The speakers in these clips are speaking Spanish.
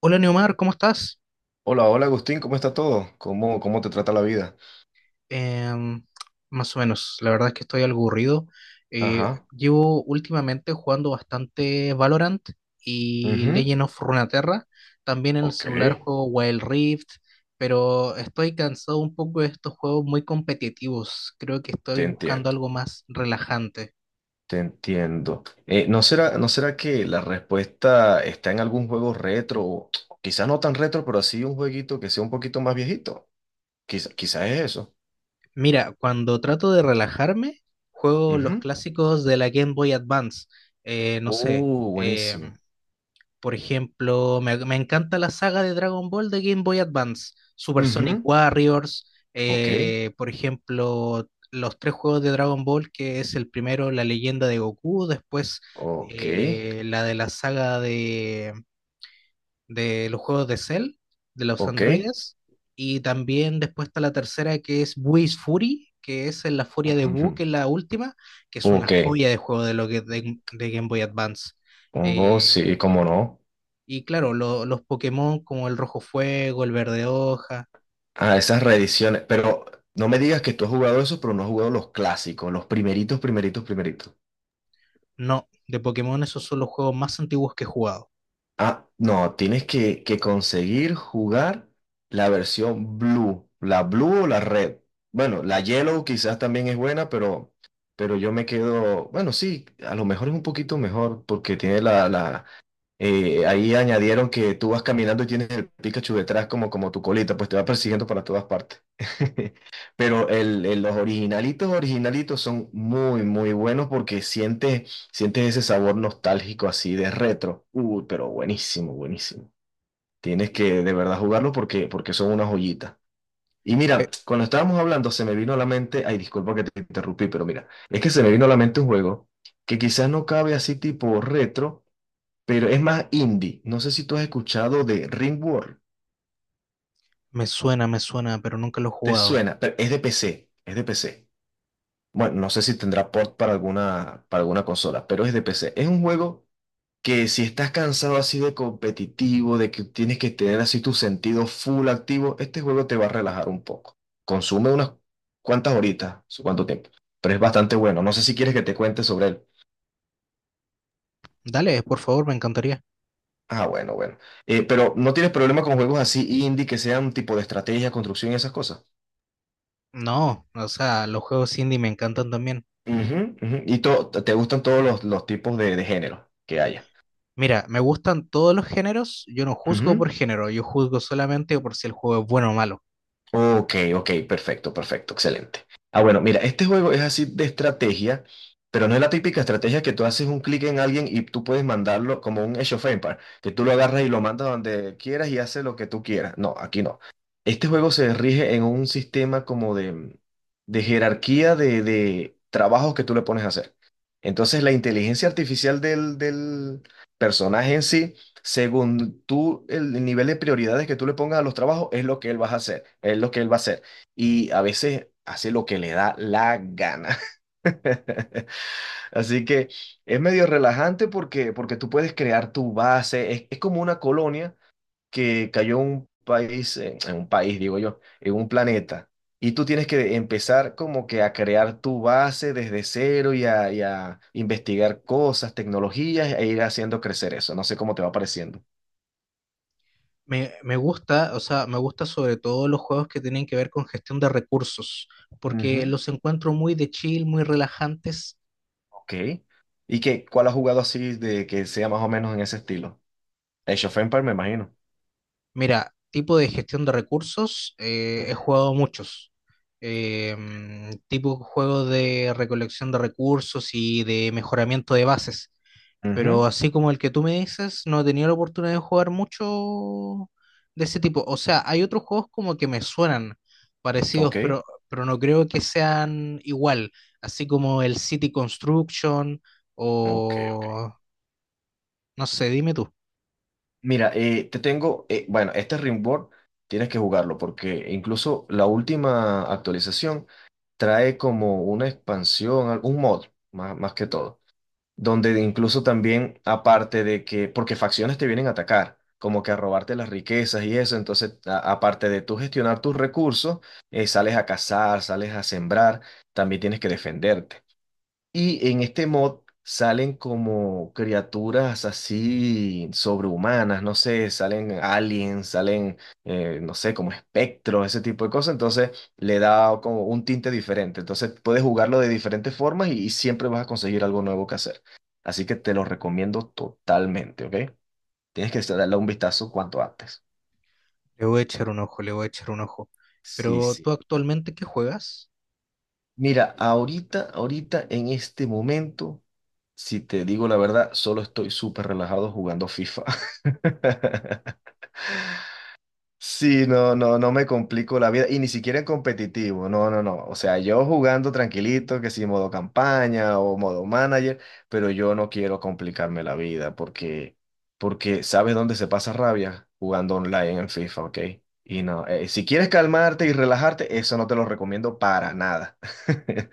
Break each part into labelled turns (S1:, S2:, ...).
S1: Hola Neomar, ¿cómo estás?
S2: Hola, hola Agustín, ¿cómo está todo? ¿Cómo te trata la vida?
S1: Em, más o menos, la verdad es que estoy algo aburrido.
S2: Ajá,
S1: Llevo últimamente jugando bastante Valorant y
S2: ujú,
S1: Legend of Runeterra. También en el
S2: ok.
S1: celular juego Wild Rift, pero estoy cansado un poco de estos juegos muy competitivos. Creo que estoy
S2: Te
S1: buscando
S2: entiendo,
S1: algo más relajante.
S2: te entiendo. ¿No será que la respuesta está en algún juego retro? O quizás no tan retro, pero así un jueguito que sea un poquito más viejito. Quizás es eso.
S1: Mira, cuando trato de relajarme, juego los
S2: Ujú.
S1: clásicos de la Game Boy Advance. No sé. em,
S2: Buenísimo.
S1: Por ejemplo, me encanta la saga de Dragon Ball de Game Boy Advance, Super
S2: Ujú,
S1: Sonic Warriors,
S2: ok,
S1: por ejemplo, los tres juegos de Dragon Ball, que es el primero, la leyenda de Goku, después
S2: ok,
S1: la de la saga de los juegos de Cell, de los
S2: ok,
S1: androides, y también después está la tercera que es Whis Fury, que es en la furia de Buu,
S2: ujú,
S1: que es la última, que es una
S2: ok,
S1: joya de juego de lo que de Game Boy Advance.
S2: oh,
S1: Eh,
S2: sí, cómo no.
S1: y claro, los Pokémon como el Rojo Fuego, el Verde Hoja.
S2: Ah, esas reediciones. Pero no me digas que tú has jugado eso, pero no has jugado los clásicos, los primeritos, primeritos, primeritos.
S1: No, de Pokémon esos son los juegos más antiguos que he jugado.
S2: Ah, no, tienes que conseguir jugar la versión blue, la blue o la red. Bueno, la yellow quizás también es buena, pero yo me quedo, bueno, sí, a lo mejor es un poquito mejor porque tiene la, la ahí añadieron que tú vas caminando y tienes el Pikachu detrás como, como tu colita, pues te va persiguiendo para todas partes. Pero los originalitos, originalitos son muy, muy buenos porque sientes, sientes ese sabor nostálgico así de retro. Uy, pero buenísimo, buenísimo. Tienes que de verdad jugarlo porque, porque son una joyita. Y
S1: Eh,
S2: mira, cuando estábamos hablando se me vino a la mente, ay, disculpa que te interrumpí, pero mira, es que se me vino a la mente un juego que quizás no cabe así tipo retro, pero es más indie. No sé si tú has escuchado de Ringworld.
S1: Me suena, me suena, pero nunca los he
S2: ¿Te
S1: jugado.
S2: suena? Pero es de PC, es de PC. Bueno, no sé si tendrá port para alguna consola, pero es de PC. Es un juego que si estás cansado así de competitivo, de que tienes que tener así tu sentido full activo, este juego te va a relajar un poco. Consume unas cuantas horitas, su cuánto tiempo, pero es bastante bueno. No sé si quieres que te cuente sobre él.
S1: Dale, por favor, me encantaría.
S2: Ah, bueno, bueno. Pero ¿no tienes problema con juegos así indie que sean tipo de estrategia, construcción y esas cosas?
S1: No, o sea, los juegos indie me encantan también.
S2: Ujú, ujú. Te gustan todos los tipos de género que haya.
S1: Mira, me gustan todos los géneros. Yo no juzgo
S2: Ujú.
S1: por género, yo juzgo solamente por si el juego es bueno o malo.
S2: Ok, ok, perfecto, perfecto, excelente. Ah, bueno, mira, este juego es así de estrategia, pero no es la típica estrategia que tú haces un clic en alguien y tú puedes mandarlo como un Age of Empires, que tú lo agarras y lo mandas donde quieras y hace lo que tú quieras. No, aquí no. Este juego se rige en un sistema como de jerarquía de trabajos que tú le pones a hacer. Entonces, la inteligencia artificial del personaje en sí según tú, el nivel de prioridades que tú le pongas a los trabajos es lo que él va a hacer, es lo que él va a hacer. Y a veces hace lo que le da la gana. Así que es medio relajante porque, porque tú puedes crear tu base. Es como una colonia que cayó en un país, digo yo, en un planeta. Y tú tienes que empezar como que a crear tu base desde cero y a investigar cosas, tecnologías e ir haciendo crecer eso. No sé cómo te va pareciendo.
S1: Me gusta, o sea, me gusta sobre todo los juegos que tienen que ver con gestión de recursos, porque
S2: Ujú,
S1: los encuentro muy de chill, muy relajantes.
S2: ok. ¿Y qué? ¿Cuál has jugado así de que sea más o menos en ese estilo? Age of Empires, me imagino.
S1: Mira, tipo de gestión de recursos, he
S2: Ujú.
S1: jugado muchos. Tipo juegos de recolección de recursos y de mejoramiento de bases. Pero
S2: Ujú,
S1: así como el que tú me dices, no he tenido la oportunidad de jugar mucho de ese tipo. O sea, hay otros juegos como que me suenan parecidos,
S2: ok,
S1: pero no creo que sean igual. Así como el City Construction
S2: ok.
S1: o... No sé, dime tú.
S2: Mira, te tengo, bueno, este Rimworld tienes que jugarlo porque incluso la última actualización trae como una expansión, un mod, más, más que todo, donde incluso también, aparte de que, porque facciones te vienen a atacar, como que a robarte las riquezas y eso, entonces, aparte de tú gestionar tus recursos, sales a cazar, sales a sembrar, también tienes que defenderte. Y en este mod salen como criaturas así sobrehumanas, no sé, salen aliens, salen, no sé, como espectros, ese tipo de cosas. Entonces le da como un tinte diferente. Entonces puedes jugarlo de diferentes formas y siempre vas a conseguir algo nuevo que hacer. Así que te lo recomiendo totalmente, ¿ok? Tienes que darle un vistazo cuanto antes.
S1: Le voy a echar un ojo, le voy a echar un ojo.
S2: Sí,
S1: Pero tú
S2: sí.
S1: actualmente, ¿qué juegas?
S2: Mira, ahorita, ahorita, en este momento, si te digo la verdad, solo estoy súper relajado jugando FIFA. Sí, no, no, no me complico la vida y ni siquiera en competitivo, no, no, no. O sea, yo jugando tranquilito, que si modo campaña o modo manager, pero yo no quiero complicarme la vida porque, porque ¿sabes dónde se pasa rabia? Jugando online en FIFA, ¿ok? Y no, si quieres calmarte y relajarte, eso no te lo recomiendo para nada.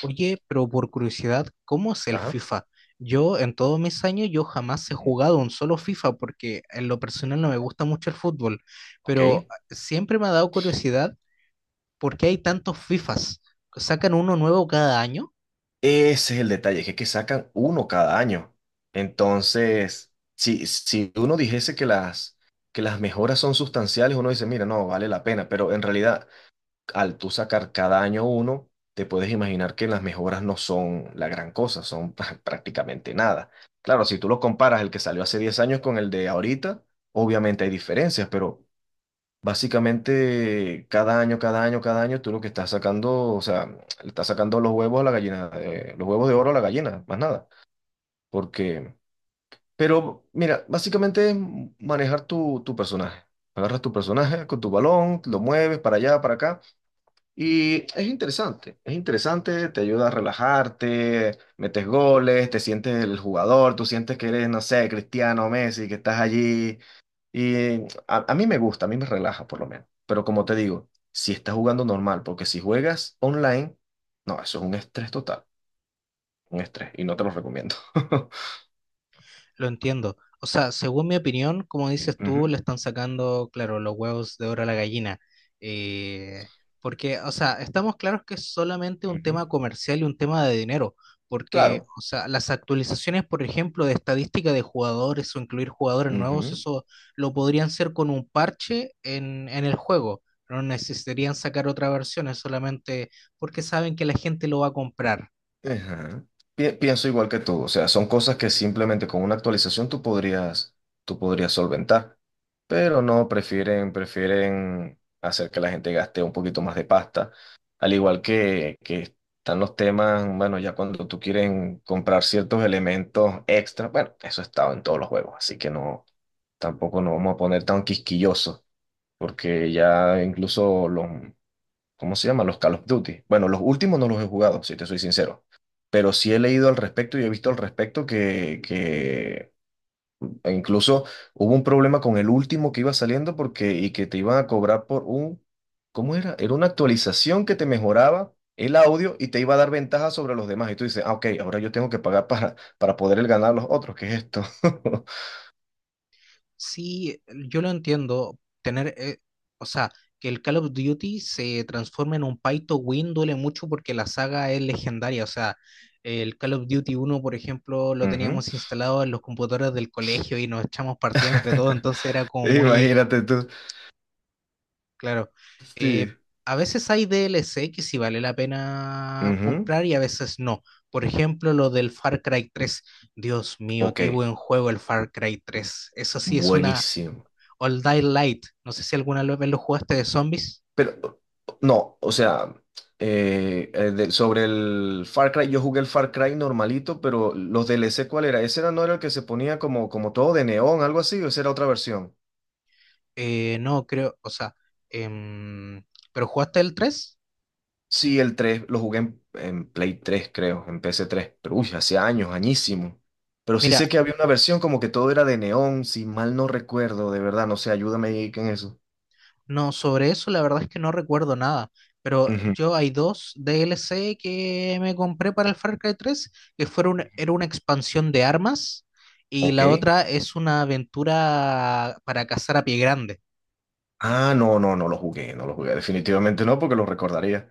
S1: Oye, pero por curiosidad, ¿cómo es el
S2: Ajá.
S1: FIFA? Yo en todos mis años yo jamás he jugado un solo FIFA porque en lo personal no me gusta mucho el fútbol,
S2: Ok.
S1: pero siempre me ha dado curiosidad por qué hay tantos FIFAs. ¿Sacan uno nuevo cada año?
S2: Ese es el detalle, que es que sacan uno cada año. Entonces, si uno dijese que las mejoras son sustanciales, uno dice, mira, no, vale la pena. Pero en realidad, al tú sacar cada año uno, te puedes imaginar que las mejoras no son la gran cosa, son prácticamente nada. Claro, si tú lo comparas el que salió hace 10 años con el de ahorita, obviamente hay diferencias, pero básicamente, cada año, cada año, cada año, tú lo que estás sacando, o sea, le estás sacando los huevos a la gallina, los huevos de oro a la gallina, más nada. Porque, pero mira, básicamente es manejar tu personaje. Agarras tu personaje con tu balón, lo mueves para allá, para acá, y es interesante, te ayuda a relajarte, metes goles, te sientes el jugador, tú sientes que eres, no sé, Cristiano Messi, que estás allí y a mí me gusta, a mí me relaja por lo menos. Pero como te digo, si estás jugando normal, porque si juegas online, no, eso es un estrés total, un estrés, y no te lo recomiendo.
S1: Lo entiendo. O sea, según mi opinión, como dices tú,
S2: Ujú,
S1: le están sacando, claro, los huevos de oro a la gallina. Eh, Porque, o sea, estamos claros que es solamente un
S2: ujú,
S1: tema comercial y un tema de dinero. Porque,
S2: claro,
S1: o sea, las actualizaciones, por ejemplo, de estadística de jugadores o incluir jugadores nuevos,
S2: ujú.
S1: eso lo podrían hacer con un parche en el juego. No necesitarían sacar otra versión, es solamente porque saben que la gente lo va a comprar.
S2: Ajá. Pienso igual que tú, o sea, son cosas que simplemente con una actualización tú podrías solventar, pero no, prefieren, prefieren hacer que la gente gaste un poquito más de pasta, al igual que están los temas, bueno, ya cuando tú quieren comprar ciertos elementos extra, bueno, eso ha estado en todos los juegos, así que no, tampoco nos vamos a poner tan quisquillosos, porque ya incluso los ¿cómo se llama? Los Call of Duty. Bueno, los últimos no los he jugado, si te soy sincero. Pero sí he leído al respecto y he visto al respecto que e incluso hubo un problema con el último que iba saliendo porque y que te iban a cobrar por un, ¿cómo era? Era una actualización que te mejoraba el audio y te iba a dar ventaja sobre los demás. Y tú dices, ah, ok, ahora yo tengo que pagar para poder ganar a los otros. ¿Qué es esto?
S1: Sí, yo lo entiendo. Tener, o sea, que el Call of Duty se transforme en un pay to win duele mucho porque la saga es legendaria. O sea, el Call of Duty uno por ejemplo, lo
S2: Ujú.
S1: teníamos instalado en los computadores del colegio y nos echamos partidas entre todos, entonces era como muy
S2: Imagínate tú.
S1: claro. Eh,
S2: Sí.
S1: a veces hay DLC que sí vale la pena
S2: Ujú.
S1: comprar y a veces no. Por ejemplo, lo del Far Cry tres. Dios mío,
S2: Ok,
S1: qué buen juego el Far Cry tres. Eso sí es una...
S2: buenísimo.
S1: All Die Light. No sé si alguna vez lo jugaste de zombies.
S2: Pero, no, o sea, sobre el Far Cry, yo jugué el Far Cry normalito, pero los DLC, ¿cuál era? Ese era, no era el que se ponía como, como todo de neón, algo así, o esa era otra versión.
S1: No, creo, o sea, em, ¿pero jugaste el tres?
S2: Sí, el 3 lo jugué en Play 3 creo, en pc tres pero uy, hace años, añísimo. Pero sí
S1: Mira,
S2: sé que había una versión como que todo era de neón, si mal no recuerdo, de verdad, no sé, ayúdame ahí en eso.
S1: no, sobre eso la verdad es que no recuerdo nada. Pero
S2: Ujú,
S1: yo hay dos DLC que me compré para el Far Cry tres, que fueron, era una expansión de armas y la
S2: ok.
S1: otra es una aventura para cazar a pie grande.
S2: Ah, no, no, no lo jugué, no lo jugué, definitivamente no, porque lo recordaría.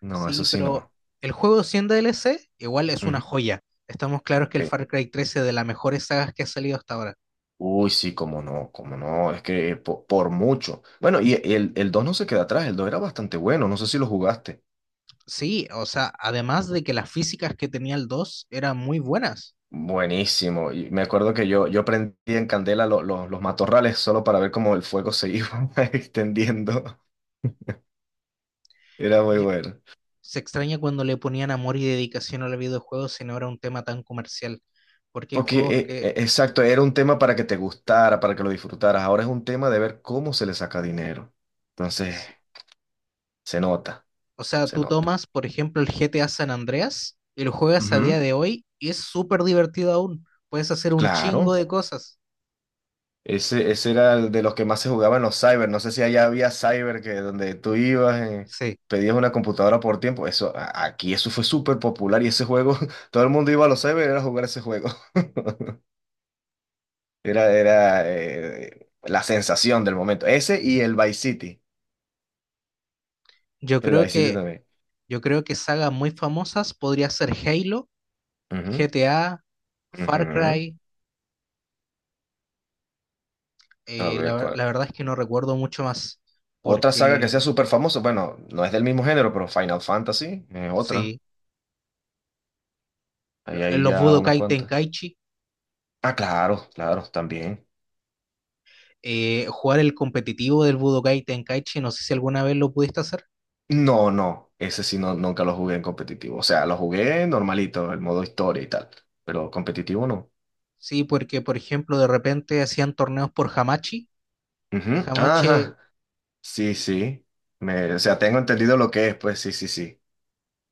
S2: No, eso
S1: Sí,
S2: sí
S1: pero
S2: no.
S1: el juego siendo DLC igual es una
S2: Ujú.
S1: joya. Estamos claros que
S2: Ok.
S1: el Far Cry tres es de las mejores sagas que ha salido hasta ahora.
S2: Uy, sí, cómo no, es que mucho. Bueno, y el 2 no se queda atrás, el 2 era bastante bueno, no sé si lo jugaste.
S1: Sí, o sea, además de que las físicas que tenía el 2 eran muy buenas.
S2: Buenísimo, y me acuerdo que yo prendí en candela los matorrales solo para ver cómo el fuego se iba extendiendo. Era muy
S1: Yo-
S2: bueno.
S1: Se extraña cuando le ponían amor y dedicación a los videojuegos si no era un tema tan comercial. Porque hay
S2: Porque,
S1: juegos que,
S2: exacto, era un tema para que te gustara, para que lo disfrutaras. Ahora es un tema de ver cómo se le saca dinero. Entonces,
S1: s-
S2: se nota,
S1: o sea,
S2: se
S1: tú
S2: nota.
S1: tomas, por ejemplo, el GTA San Andreas y lo juegas a día
S2: Ujú,
S1: de hoy y es súper divertido aún. Puedes hacer un chingo
S2: claro.
S1: de cosas.
S2: Ese era el de los que más se jugaba en los cyber. No sé si allá había cyber que donde tú ibas,
S1: Sí,
S2: pedías una computadora por tiempo. Eso, aquí eso fue súper popular y ese juego, todo el mundo iba a los cyber era a jugar ese juego. Era, era la sensación del momento. Ese y el Vice City.
S1: yo
S2: El
S1: creo
S2: Vice City
S1: que,
S2: también.
S1: yo creo que sagas muy famosas podría ser Halo,
S2: Ujú,
S1: GTA, Far
S2: ujú.
S1: Cry.
S2: A ver, ¿cuál?
S1: La verdad es que no recuerdo mucho más,
S2: Otra saga que sea
S1: porque
S2: súper famosa. Bueno, no es del mismo género, pero Final Fantasy es otra.
S1: sí,
S2: Hay ahí
S1: los
S2: ya unas
S1: Budokai
S2: cuantas.
S1: Tenkaichi,
S2: Ah, claro, claro, también.
S1: jugar el competitivo del Budokai Tenkaichi, no sé si alguna vez lo pudiste hacer.
S2: No, no, ese sí no, nunca lo jugué en competitivo. O sea, lo jugué normalito, el modo historia y tal, pero competitivo no.
S1: Sí, porque por ejemplo de repente hacían torneos por Hamachi, que
S2: Ujú,
S1: Hamachi,
S2: ajá, sí, sí. Me, o sea, tengo entendido lo que es, pues sí, sí, sí.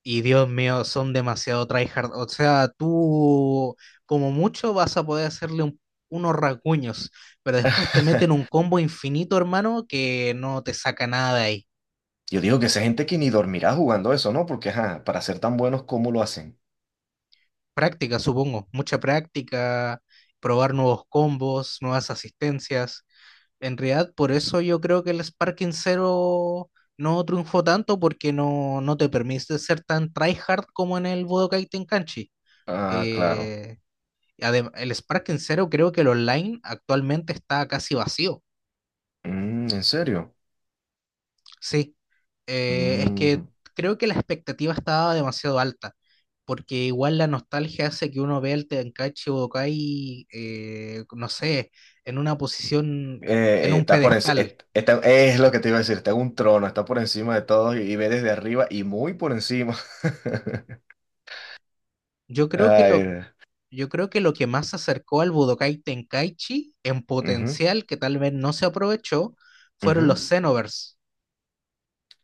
S1: y Dios mío, son demasiado tryhard. O sea, tú como mucho vas a poder hacerle unos rasguños, pero después te meten un combo infinito, hermano, que no te saca nada de ahí.
S2: Yo digo que esa gente que ni dormirá jugando eso, ¿no? Porque, ajá, para ser tan buenos, ¿cómo lo hacen?
S1: Práctica, supongo, mucha práctica, probar nuevos combos, nuevas asistencias. En realidad, por eso yo creo que el Sparking Zero no triunfó tanto porque no, no te permite ser tan tryhard como en el Budokai Tenkaichi.
S2: Ah, claro.
S1: Eh, el Sparking Zero creo que el online actualmente está casi vacío.
S2: Mm, ¿en serio?
S1: Sí. Es que
S2: Mm.
S1: creo que la expectativa estaba demasiado alta, porque igual la nostalgia hace que uno vea al Tenkaichi Budokai, no sé, en una posición, en un
S2: Está por enci-
S1: pedestal.
S2: est- está- es lo que te iba a decir, está en un trono, está por encima de todos y ve desde arriba y muy por encima.
S1: Yo creo que lo,
S2: Ay,
S1: yo creo que lo que más se acercó al Budokai Tenkaichi en
S2: ujú,
S1: potencial, que tal vez no se aprovechó, fueron los
S2: ujú.
S1: Xenoverse.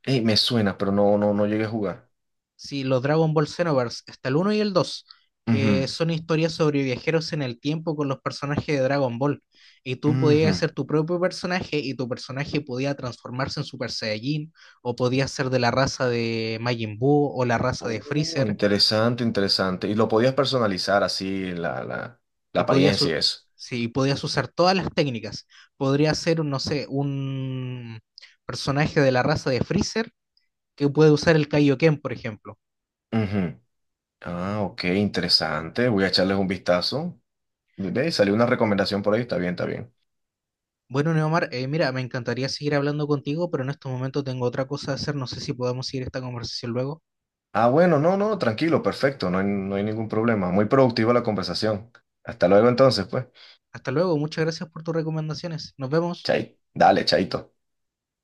S2: Ey, me suena, pero no, no, no llegué a jugar.
S1: Sí, los Dragon Ball Xenoverse, está el uno y el 2 que
S2: Ujú,
S1: son historias sobre viajeros en el tiempo con los personajes de Dragon Ball. Y tú
S2: ujú.
S1: podías ser tu propio personaje y tu personaje podía transformarse en Super Saiyajin o podía ser de la raza de Majin Buu o la raza de
S2: Oh,
S1: Freezer
S2: interesante, interesante. Y lo podías personalizar así, la
S1: y podías,
S2: apariencia y eso.
S1: sí, podías usar todas las técnicas. Podría ser, no sé, un personaje de la raza de Freezer que puede usar el Kaioken, por ejemplo.
S2: Ujú. Ah, ok, interesante. Voy a echarles un vistazo. Ve, salió una recomendación por ahí, está bien, está bien.
S1: Bueno, Neomar, mira, me encantaría seguir hablando contigo, pero en estos momentos tengo otra cosa que hacer. No sé si podemos seguir esta conversación luego.
S2: Ah, bueno, no, no, tranquilo, perfecto, no hay, no hay ningún problema. Muy productiva la conversación. Hasta luego entonces, pues.
S1: Hasta luego, muchas gracias por tus recomendaciones. Nos vemos.
S2: Chay, dale, chaito.